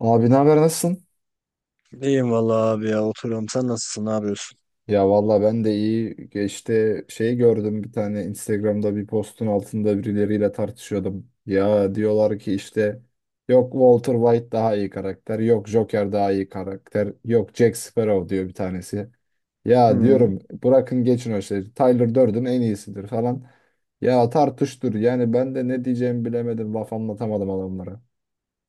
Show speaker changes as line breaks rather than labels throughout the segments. Abi ne haber, nasılsın?
İyiyim valla abi ya oturuyorum. Sen nasılsın? Ne yapıyorsun?
Ya valla ben de iyi. Geçti gördüm bir tane Instagram'da bir postun altında birileriyle tartışıyordum. Ya diyorlar ki işte yok Walter White daha iyi karakter, yok Joker daha iyi karakter, yok Jack Sparrow diyor bir tanesi. Ya
Hmm.
diyorum bırakın geçin o şeyi. Tyler Durden en iyisidir falan. Ya tartıştır yani, ben de ne diyeceğimi bilemedim, laf anlatamadım adamlara.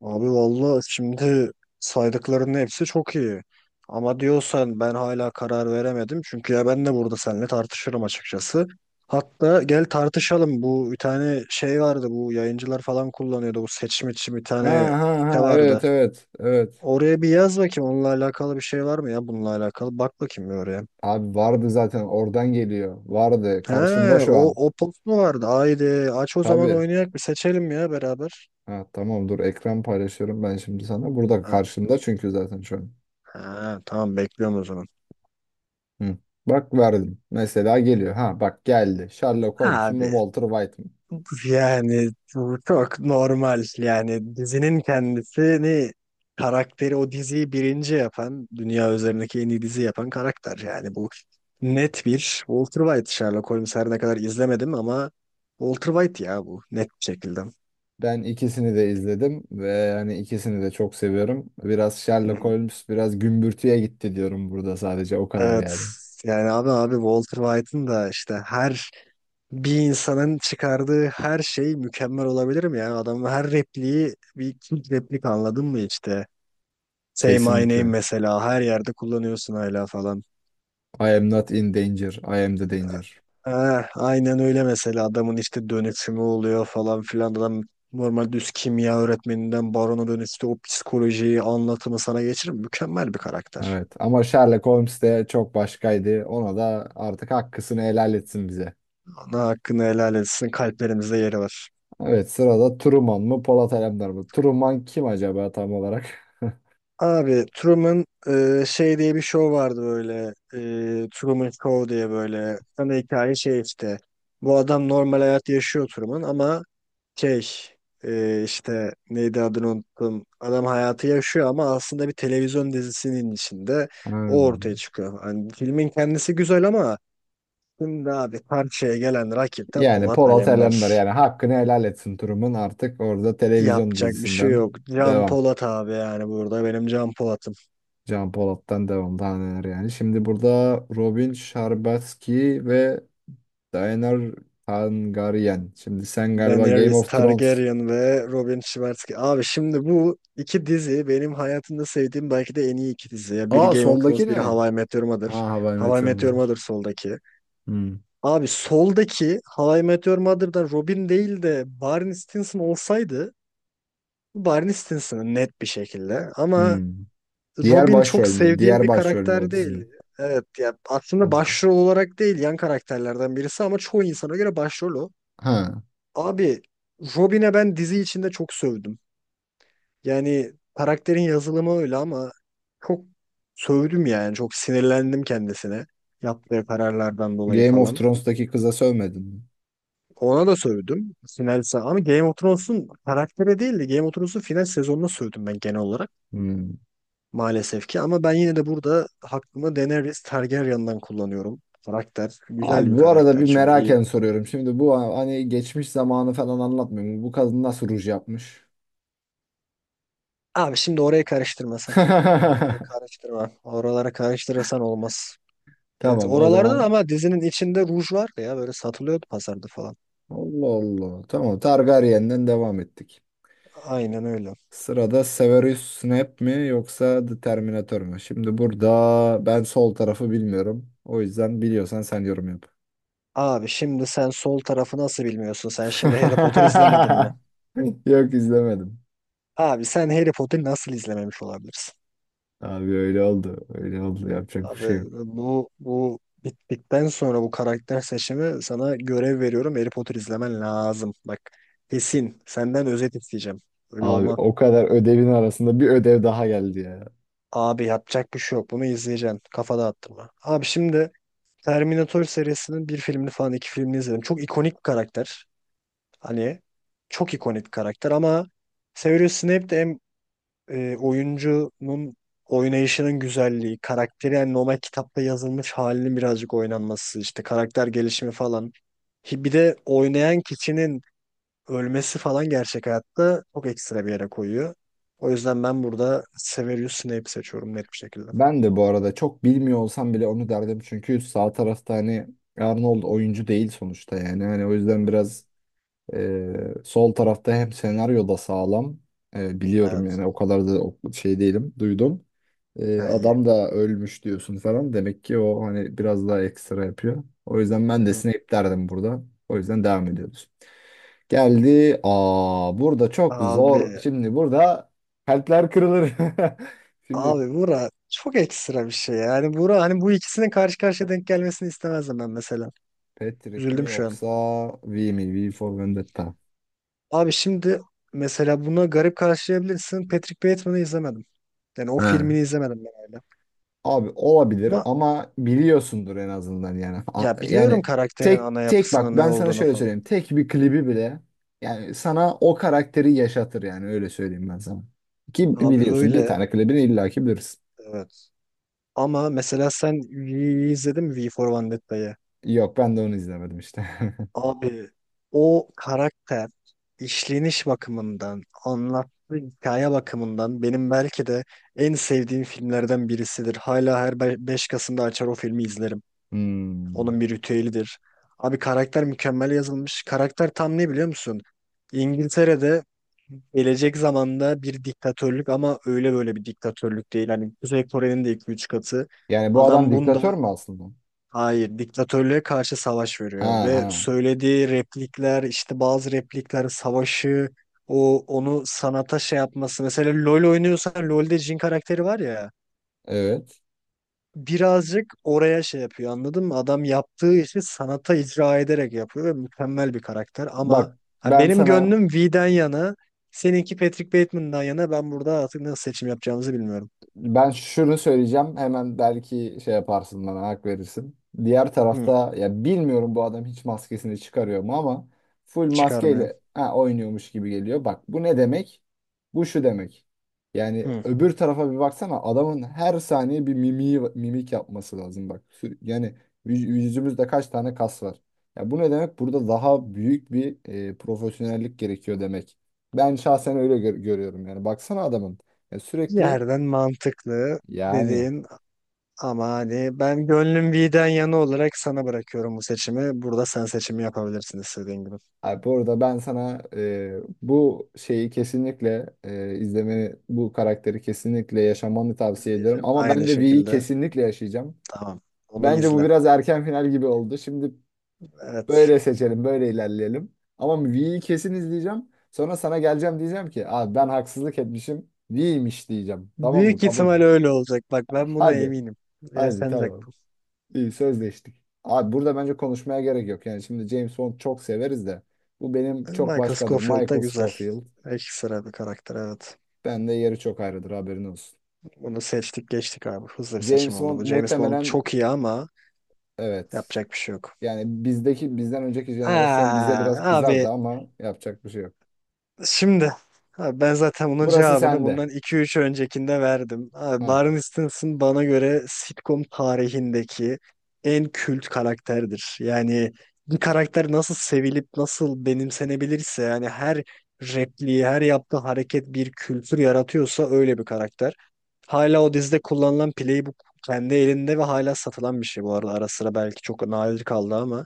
Abi valla şimdi saydıklarının hepsi çok iyi. Ama diyorsan ben hala karar veremedim. Çünkü ya ben de burada seninle tartışırım açıkçası. Hatta gel tartışalım. Bu bir tane şey vardı. Bu yayıncılar falan kullanıyordu. Bu seçim için bir
Ha
tane
ha
site
ha,
vardı.
evet evet evet.
Oraya bir yaz bakayım. Onunla alakalı bir şey var mı ya? Bununla alakalı. Bak bakayım bir oraya.
Abi vardı zaten, oradan geliyor. Vardı.
He,
Karşımda şu
o,
an.
o post mu vardı? Haydi aç o zaman
Tabii.
oynayak bir seçelim ya beraber.
Ha, tamam, dur ekran paylaşıyorum ben şimdi sana. Burada
Heh.
karşımda çünkü zaten şu an.
Ha, tamam bekliyorum o zaman.
Hı. Bak, verdim. Mesela geliyor. Ha bak, geldi. Sherlock Holmes mu
Abi
Walter White mı?
yani bu çok normal. Yani dizinin kendisini karakteri o diziyi birinci yapan dünya üzerindeki en iyi dizi yapan karakter. Yani bu net bir Walter White. Sherlock Holmes her ne kadar izlemedim ama Walter White ya bu net bir şekilde.
Ben ikisini de izledim ve yani ikisini de çok seviyorum. Biraz Sherlock
Hı.
Holmes biraz gümbürtüye gitti diyorum burada, sadece o kadar
Evet
yani.
yani abi Walter White'ın da işte her bir insanın çıkardığı her şey mükemmel olabilir mi? Yani adamın her repliği bir ilk replik anladın mı işte? Say my name
Kesinlikle.
mesela her yerde kullanıyorsun hala falan.
I am not in danger. I am the danger.
Ha, aynen öyle mesela adamın işte dönüşümü oluyor falan filan adam normal düz kimya öğretmeninden barona dönüştü o psikolojiyi anlatımı sana geçirir mükemmel bir karakter.
Evet ama Sherlock Holmes de çok başkaydı. Ona da artık hakkısını helal etsin bize.
Ona hakkını helal etsin kalplerimizde yeri var.
Evet, sırada Truman mı Polat Alemdar mı? Truman kim acaba tam olarak?
Abi Truman şey diye bir show vardı böyle Truman Show diye böyle ana hikaye şey işte bu adam normal hayat yaşıyor Truman ama şey işte neydi adını unuttum adam hayatı yaşıyor ama aslında bir televizyon dizisinin içinde o ortaya
Hmm.
çıkıyor. Hani filmin kendisi güzel ama şimdi abi karşıya gelen rakip de
Yani
Polat
Polat
Alemdar
Alemdar, yani hakkını helal etsin Truman, artık orada televizyon
yapacak bir şey
dizisinden
yok. Can
devam.
Polat abi yani burada benim Can Polat'ım.
Can Polat'tan devam, daha neler yani. Şimdi burada Robin Sharbatsky ve Daener Hangarian. Şimdi sen galiba Game
Daenerys
of Thrones.
Targaryen ve Robin Schwarzkopf. Abi şimdi bu iki dizi benim hayatımda sevdiğim belki de en iyi iki dizi. Ya biri
Aa,
Game of
soldaki
Thrones,
ne?
biri How I Met Your Mother.
Ha, How I
How I
Met Your
Met Your Mother
Mother.
soldaki.
Hmm.
Abi soldaki How I Met Your Mother'da Robin değil de Barney Stinson olsaydı bu Barney Stinson'ın net bir şekilde. Ama
Hmm. Diğer
Robin çok
başrol mü?
sevdiğim
Diğer
bir
başrol mü o
karakter değil.
dizinin?
Evet ya aslında
Hmm.
başrol olarak değil yan karakterlerden birisi ama çoğu insana göre başrol o.
Ha.
Abi Robin'e ben dizi içinde çok sövdüm. Yani karakterin yazılımı öyle ama çok sövdüm yani. Çok sinirlendim kendisine. Yaptığı kararlardan dolayı
Game of
falan.
Thrones'taki kıza sövmedin mi?
Ona da sövdüm. Ama Game of Thrones'un karaktere değil de Game of Thrones'un final sezonuna sövdüm ben genel olarak.
Hmm.
Maalesef ki ama ben yine de burada hakkımı Daenerys Targaryen'dan kullanıyorum. Karakter güzel bir
Abi bu arada bir
karakter çünkü iyi.
meraken soruyorum. Şimdi bu, hani geçmiş zamanı falan anlatmıyorum. Bu kadın nasıl ruj yapmış?
Abi şimdi oraya karıştırmasan. Oraya karıştırma. Oralara karıştırırsan olmaz. Evet,
Tamam o
oralardan
zaman.
ama dizinin içinde ruj var ya böyle satılıyordu pazarda falan.
Allah Allah. Tamam, Targaryen'den devam ettik.
Aynen öyle.
Sırada Severus Snape mi yoksa The Terminator mu? Şimdi burada ben sol tarafı bilmiyorum. O yüzden biliyorsan sen yorum yap.
Abi şimdi sen sol tarafı nasıl bilmiyorsun? Sen şimdi Harry Potter izlemedin mi?
Yok, izlemedim.
Abi sen Harry Potter'ı nasıl izlememiş olabilirsin?
Abi öyle oldu. Öyle oldu. Yapacak bir
Abi
şey yok.
bu bittikten sonra bu karakter seçimi sana görev veriyorum. Harry Potter izlemen lazım. Bak kesin senden özet isteyeceğim. Öyle
Abi
olma.
o kadar ödevin arasında bir ödev daha geldi ya.
Abi yapacak bir şey yok. Bunu izleyeceksin. Kafada attırma. Abi şimdi Terminator serisinin bir filmini falan iki filmini izledim. Çok ikonik bir karakter. Hani çok ikonik bir karakter ama Severus Snape de hem oyuncunun oynayışının güzelliği, karakteri yani normal kitapta yazılmış halinin birazcık oynanması, işte karakter gelişimi falan. Bir de oynayan kişinin ölmesi falan gerçek hayatta çok ekstra bir yere koyuyor. O yüzden ben burada Severus Snape seçiyorum net bir şekilde.
Ben de bu arada çok bilmiyor olsam bile onu derdim. Çünkü sağ tarafta hani Arnold oyuncu değil sonuçta yani. Hani o yüzden biraz sol tarafta hem senaryo da sağlam. Biliyorum
Evet.
yani, o kadar da şey değilim. Duydum.
Ha, iyi.
Adam da ölmüş diyorsun falan. Demek ki o hani biraz daha ekstra yapıyor. O yüzden
Hı
ben de
hı.
Snape derdim burada. O yüzden devam ediyoruz. Geldi. Aa, burada çok
Abi
zor. Şimdi burada kalpler kırılır. Şimdi
Abi Burak çok ekstra bir şey. Yani Burak hani bu ikisinin karşı karşıya denk gelmesini istemezdim ben mesela.
Patrick mi
Üzüldüm şu an.
yoksa V mi? V for Vendetta.
Abi şimdi mesela buna garip karşılayabilirsin. Patrick Bateman'ı izlemedim. Yani o
He.
filmini izlemedim ben öyle.
Abi olabilir
Ama
ama biliyorsundur en azından yani.
ya biliyorum
Yani
karakterin
tek
ana
tek
yapısının
bak,
ne
ben sana
olduğunu
şöyle
falan.
söyleyeyim. Tek bir klibi bile yani sana o karakteri yaşatır yani, öyle söyleyeyim ben sana. Ki
Abi
biliyorsun, bir
öyle.
tane klibini illaki bilirsin.
Evet. Ama mesela sen V'yi izledin mi? V for Vendetta'yı.
Yok, ben de onu izlemedim işte.
Abi o karakter işleniş bakımından, anlattığı hikaye bakımından benim belki de en sevdiğim filmlerden birisidir. Hala her 5 Kasım'da açar o filmi izlerim.
Hmm.
Onun bir ritüelidir. Abi karakter mükemmel yazılmış. Karakter tam ne biliyor musun? İngiltere'de gelecek zamanda bir diktatörlük ama öyle böyle bir diktatörlük değil. Hani Kuzey Kore'nin de 2-3 katı.
Yani bu adam
Adam
diktatör
bunda
mü aslında?
hayır, diktatörlüğe karşı savaş
Ha
veriyor ve
ha.
söylediği replikler, işte bazı replikler savaşı, onu sanata şey yapması. Mesela LoL oynuyorsan LoL'de Jhin karakteri var ya,
Evet.
birazcık oraya şey yapıyor anladın mı? Adam yaptığı işi sanata icra ederek yapıyor ve mükemmel bir karakter ama
Bak
ha,
ben
benim
sana
gönlüm V'den yana, seninki Patrick Bateman'dan yana ben burada artık nasıl seçim yapacağımızı bilmiyorum.
Ben şunu söyleyeceğim. Hemen belki şey yaparsın, bana hak verirsin. Diğer
Hı,
tarafta ya, bilmiyorum, bu adam hiç maskesini çıkarıyor mu, ama full
çıkarmıyorum.
maskeyle ha, oynuyormuş gibi geliyor. Bak bu ne demek? Bu şu demek. Yani
Hı.
öbür tarafa bir baksana, adamın her saniye bir mimiği, mimik yapması lazım bak. Yani yüzümüzde kaç tane kas var? Ya bu ne demek? Burada daha büyük bir profesyonellik gerekiyor demek. Ben şahsen öyle görüyorum yani. Baksana adamın. Ya sürekli
Yerden mantıklı
yani,
dediğin. Ama hani ben gönlüm V'den yana olarak sana bırakıyorum bu seçimi. Burada sen seçimi yapabilirsin istediğin gibi.
abi bu arada ben sana bu şeyi kesinlikle izlemeni, bu karakteri kesinlikle yaşamanı tavsiye ederim.
İzleyeceğim.
Ama ben
Aynı
de V'yi
şekilde.
kesinlikle yaşayacağım.
Tamam. Onu
Bence bu
izle.
biraz erken final gibi oldu. Şimdi
Evet.
böyle seçelim, böyle ilerleyelim. Ama V'yi kesin izleyeceğim. Sonra sana geleceğim, diyeceğim ki abi ben haksızlık etmişim. V'ymiş diyeceğim. Tamam mı?
Büyük
Kabul
ihtimal
mü?
öyle olacak. Bak ben buna
Hadi.
eminim.
Hadi
Yaşanacak
tamam.
bu.
İyi, sözleştik. Abi burada bence konuşmaya gerek yok. Yani şimdi James Bond çok severiz de bu benim çok
Michael
başkadır.
Scofield da
Michael
güzel.
Scofield.
Ekstra bir karakter evet.
Ben de yeri çok ayrıdır, haberin olsun.
Bunu seçtik geçtik abi. Hızlı bir seçim
James
oldu
Bond
bu. James Bond
muhtemelen
çok iyi ama
evet.
yapacak bir şey yok.
Yani bizdeki, bizden önceki jenerasyon bize biraz
Aa,
kızardı
abi
ama yapacak bir şey yok.
şimdi abi ben zaten bunun
Burası
cevabını
sende.
bundan 2-3 öncekinde verdim. Abi
Ha.
Barney Stinson bana göre sitcom tarihindeki en kült karakterdir. Yani bir karakter nasıl sevilip nasıl benimsenebilirse yani her repliği, her yaptığı hareket bir kültür yaratıyorsa öyle bir karakter. Hala o dizide kullanılan playbook kendi elinde ve hala satılan bir şey bu arada. Ara sıra belki çok nadir kaldı ama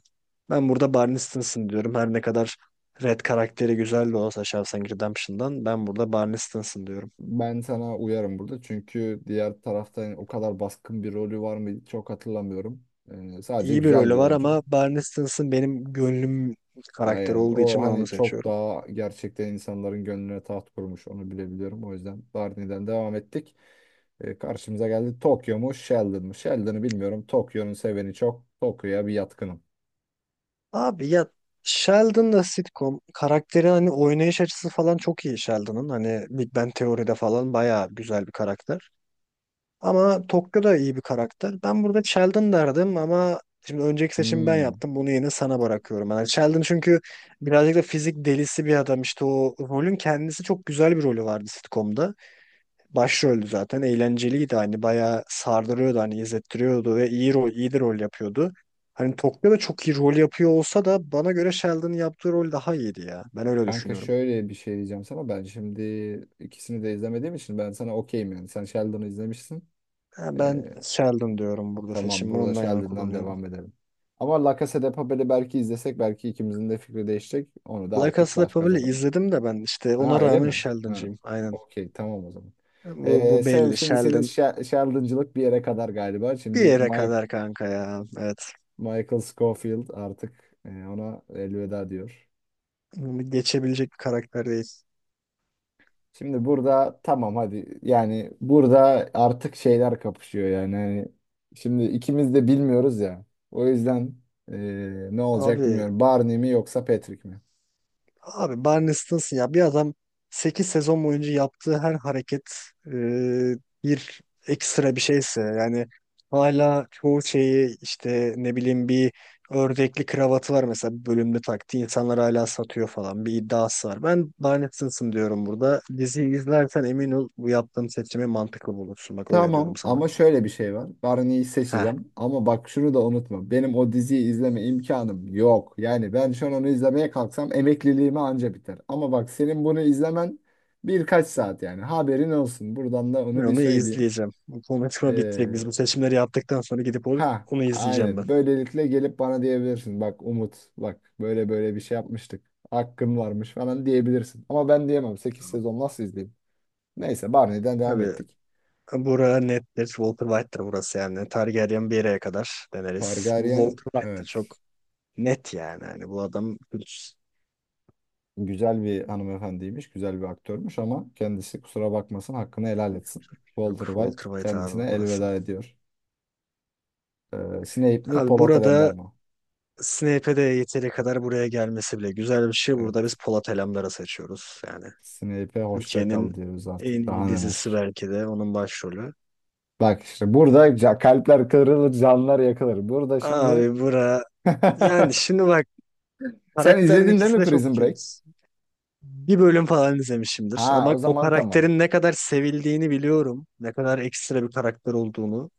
ben burada Barney Stinson diyorum. Her ne kadar Red karakteri güzel de olsa Shawshank Redemption'dan ben burada Barney Stinson diyorum.
Ben sana uyarım burada, çünkü diğer tarafta yani o kadar baskın bir rolü var mı çok hatırlamıyorum. Sadece
İyi bir
güzel bir
rolü var
oyuncu.
ama Barney Stinson benim gönlüm karakteri
Aynen.
olduğu
O
için ben onu
hani çok
seçiyorum.
daha gerçekten insanların gönlüne taht kurmuş. Onu bilebiliyorum. O yüzden Barney'den devam ettik. Karşımıza geldi, Tokyo mu Sheldon mu? Sheldon'ı bilmiyorum. Tokyo'nun seveni çok. Tokyo'ya bir yatkınım.
Abi ya Sheldon da sitcom karakteri hani oynayış açısı falan çok iyi Sheldon'ın. Hani Big Bang Teori'de falan bayağı güzel bir karakter. Ama Tokyo da iyi bir karakter. Ben burada Sheldon derdim ama şimdi önceki seçimi ben
Hmm.
yaptım. Bunu yine sana bırakıyorum. Yani Sheldon çünkü birazcık da fizik delisi bir adam. İşte o rolün kendisi çok güzel bir rolü vardı sitcom'da. Başroldü zaten. Eğlenceliydi hani bayağı sardırıyordu hani izlettiriyordu ve iyi rol, iyi de rol yapıyordu. Hani Tokyo'da çok iyi rol yapıyor olsa da bana göre Sheldon'ın yaptığı rol daha iyiydi ya. Ben öyle
Kanka
düşünüyorum.
şöyle bir şey diyeceğim sana. Ben şimdi ikisini de izlemediğim için ben sana okeyim yani. Sen Sheldon'ı izlemişsin.
Ha, ben
Ee,
Sheldon diyorum burada
tamam,
seçimi.
burada
Ondan yana
Sheldon'dan
kullanıyorum.
devam edelim. Ama La Casa de Papel'i belki izlesek belki ikimizin de fikri değişecek. Onu da
La
artık
Casa de
başka
Papel'i
zaman.
izledim de ben işte
Ha
ona
öyle
rağmen
mi? Ha.
Sheldon'cıyım. Aynen.
Okey, tamam o zaman.
Bu, bu
Sam,
belli.
şimdi senin
Sheldon
şarlıncılık bir yere kadar galiba. Şimdi
bir yere
Mike,
kadar kanka ya. Evet.
Michael Scofield artık ona elveda diyor.
Bunu geçebilecek bir karakter değil. Evet.
Şimdi burada tamam hadi, yani burada artık şeyler kapışıyor yani. Hani şimdi ikimiz de bilmiyoruz ya. O yüzden e, ne olacak
Abi
bilmiyorum. Barney mi yoksa Patrick mi?
Abi Barney Stinson ya bir adam 8 sezon boyunca yaptığı her hareket e, bir ekstra bir şeyse yani hala çoğu şeyi işte ne bileyim bir ördekli kravatı var mesela bir bölümde taktı insanlar hala satıyor falan bir iddiası var. Ben Barney Stinson diyorum burada. Diziyi izlersen emin ol bu yaptığım seçimi mantıklı bulursun. Bak öyle diyorum
Tamam
sana.
ama şöyle bir şey var. Barney'i
Heh.
seçeceğim. Ama bak şunu da unutma. Benim o diziyi izleme imkanım yok. Yani ben şu an onu izlemeye kalksam emekliliğime anca biter. Ama bak, senin bunu izlemen birkaç saat yani. Haberin olsun. Buradan da
Ben
onu bir
onu
söyleyeyim.
izleyeceğim. Bu konuşma bitti.
Ee,
Biz bu seçimleri yaptıktan sonra gidip onu
ha
onu izleyeceğim ben.
aynen. Böylelikle gelip bana diyebilirsin. Bak Umut, bak böyle böyle bir şey yapmıştık. Hakkın varmış falan diyebilirsin. Ama ben diyemem. 8
Tamam.
sezon nasıl izleyeyim? Neyse, Barney'den devam
Hadi
ettik.
bura nettir. Walter White'tir burası yani. Targaryen bir yere kadar deneriz. Bu
Targaryen,
Walter White'tir çok
evet.
net yani. Hani bu adam hiç
Güzel bir hanımefendiymiş, güzel bir aktörmüş ama kendisi kusura bakmasın, hakkını helal etsin.
yok.
Walter White
Walter White
kendisine
abi burası.
elveda ediyor. Snape mi
Abi
Polat Alemdar
burada
mı?
Snape'e de yeteri kadar buraya gelmesi bile güzel bir şey. Burada biz
Evet.
Polat Alemdar'ı seçiyoruz. Yani
Snape'e hoşça kal
Türkiye'nin
diyoruz
en
artık,
iyi
daha
dizisi
neler.
belki de onun başrolü.
Bak işte burada kalpler kırılır, canlar yakılır. Burada şimdi...
Abi bura yani şimdi bak
Sen
karakterin
izledin değil
ikisi
mi
de çok
Prison
kült.
Break?
Bir bölüm falan izlemişimdir.
Ha, o
Ama o
zaman tamam.
karakterin ne kadar sevildiğini biliyorum. Ne kadar ekstra bir karakter olduğunu.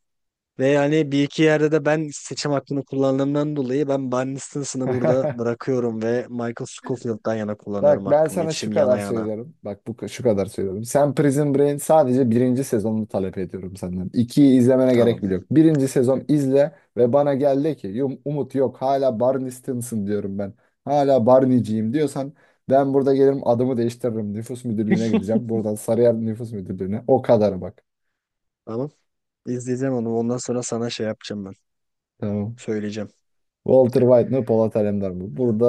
Ve yani bir iki yerde de ben seçim hakkını kullandığımdan dolayı ben Barney Stinson'ı burada bırakıyorum ve Michael Scofield'dan yana kullanıyorum
Bak ben
hakkımı.
sana şu
İçim yana
kadar
yana.
söylüyorum. Bak bu şu kadar söylüyorum. Sen Prison Break'in sadece birinci sezonunu talep ediyorum senden. İkiyi izlemene gerek
Tamam.
bile yok. Birinci sezon izle ve bana gel de ki Umut yok, hala Barney Stinson diyorum ben. Hala Barney'ciyim" diyorsan ben burada gelirim, adımı değiştiririm. Nüfus müdürlüğüne gideceğim. Buradan Sarıyer Nüfus Müdürlüğüne. O kadar bak.
Tamam. İzleyeceğim onu. Ondan sonra sana şey yapacağım ben.
Tamam.
Söyleyeceğim.
Walter White mi Polat Alemdar mı? Burada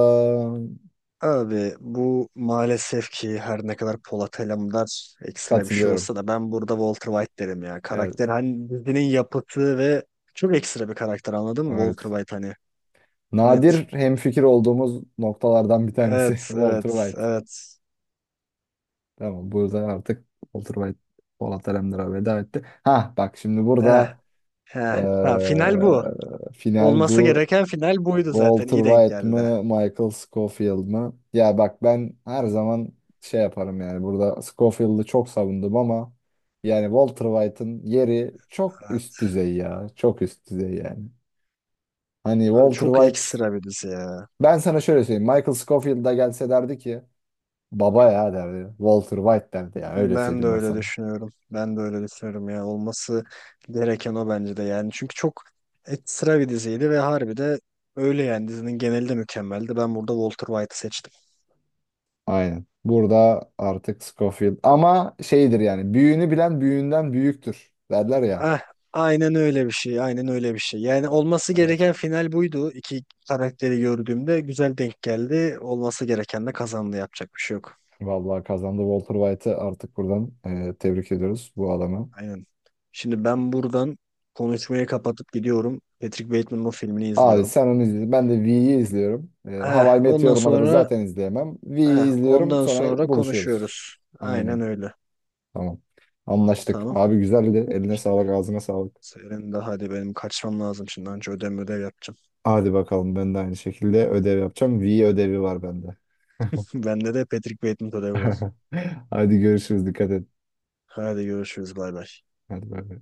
Abi bu maalesef ki her ne kadar Polat Alemdar ekstra bir şey
katılıyorum.
olsa da ben burada Walter White derim ya.
Evet.
Karakter hani dizinin yapıtı ve çok ekstra bir karakter anladın mı? Walter
Evet.
White hani net.
Nadir hemfikir olduğumuz noktalardan bir tanesi
Evet
Walter
evet
White.
evet.
Tamam, burada artık Walter White Polat Alemdar'a veda etti. Ha bak şimdi
Heh,
burada
heh. Ha, final bu.
final
Olması
bu.
gereken final buydu zaten.
Walter
İyi denk
White
geldi.
mı Michael Scofield mı? Ya bak, ben her zaman şey yaparım yani, burada Scofield'ı çok savundum ama yani Walter White'ın yeri çok üst düzey ya. Çok üst düzey yani. Hani
Abi
Walter
çok
White,
ekstra bir dizi ya.
ben sana şöyle söyleyeyim. Michael Scofield da gelse derdi ki, baba ya derdi. Walter White derdi ya. Öyle
Ben de
söyleyeyim ben
öyle
sana.
düşünüyorum. Ben de öyle düşünüyorum ya. Olması gereken o bence de yani. Çünkü çok ekstra bir diziydi ve harbi de öyle yani. Dizinin geneli de mükemmeldi. Ben burada Walter White'ı seçtim.
Aynen. Burada artık Scofield. Ama şeydir yani. Büyüğünü bilen büyüğünden büyüktür. Derler ya.
Ah, aynen öyle bir şey. Aynen öyle bir şey. Yani olması
Evet.
gereken final buydu. İki karakteri gördüğümde güzel denk geldi. Olması gereken de kazandı. Yapacak bir şey yok.
Vallahi kazandı. Walter White'ı artık buradan tebrik ediyoruz bu adamı.
Aynen. Şimdi ben buradan konuşmayı kapatıp gidiyorum. Patrick Bateman'ın o filmini
Abi
izliyorum.
sen onu izle. Ben de V'yi izliyorum. E,
Eh,
How I Met
ondan
Your Mother'ı
sonra
zaten izleyemem.
Eh,
V'yi izliyorum.
ondan
Sonra
sonra
buluşuyoruz.
konuşuyoruz. Aynen
Aynen.
öyle.
Tamam. Anlaştık.
Tamam.
Abi güzeldi. Eline
İşte
sağlık, ağzına sağlık.
senin de hadi benim kaçmam lazım şimdi. Önce ödev ödev yapacağım.
Hadi bakalım, ben de aynı şekilde ödev yapacağım. V ödevi var bende.
Bende de Patrick Bateman ödevi var.
Hadi görüşürüz. Dikkat et.
Hadi görüşürüz. Bay bay.
Hadi bay bay.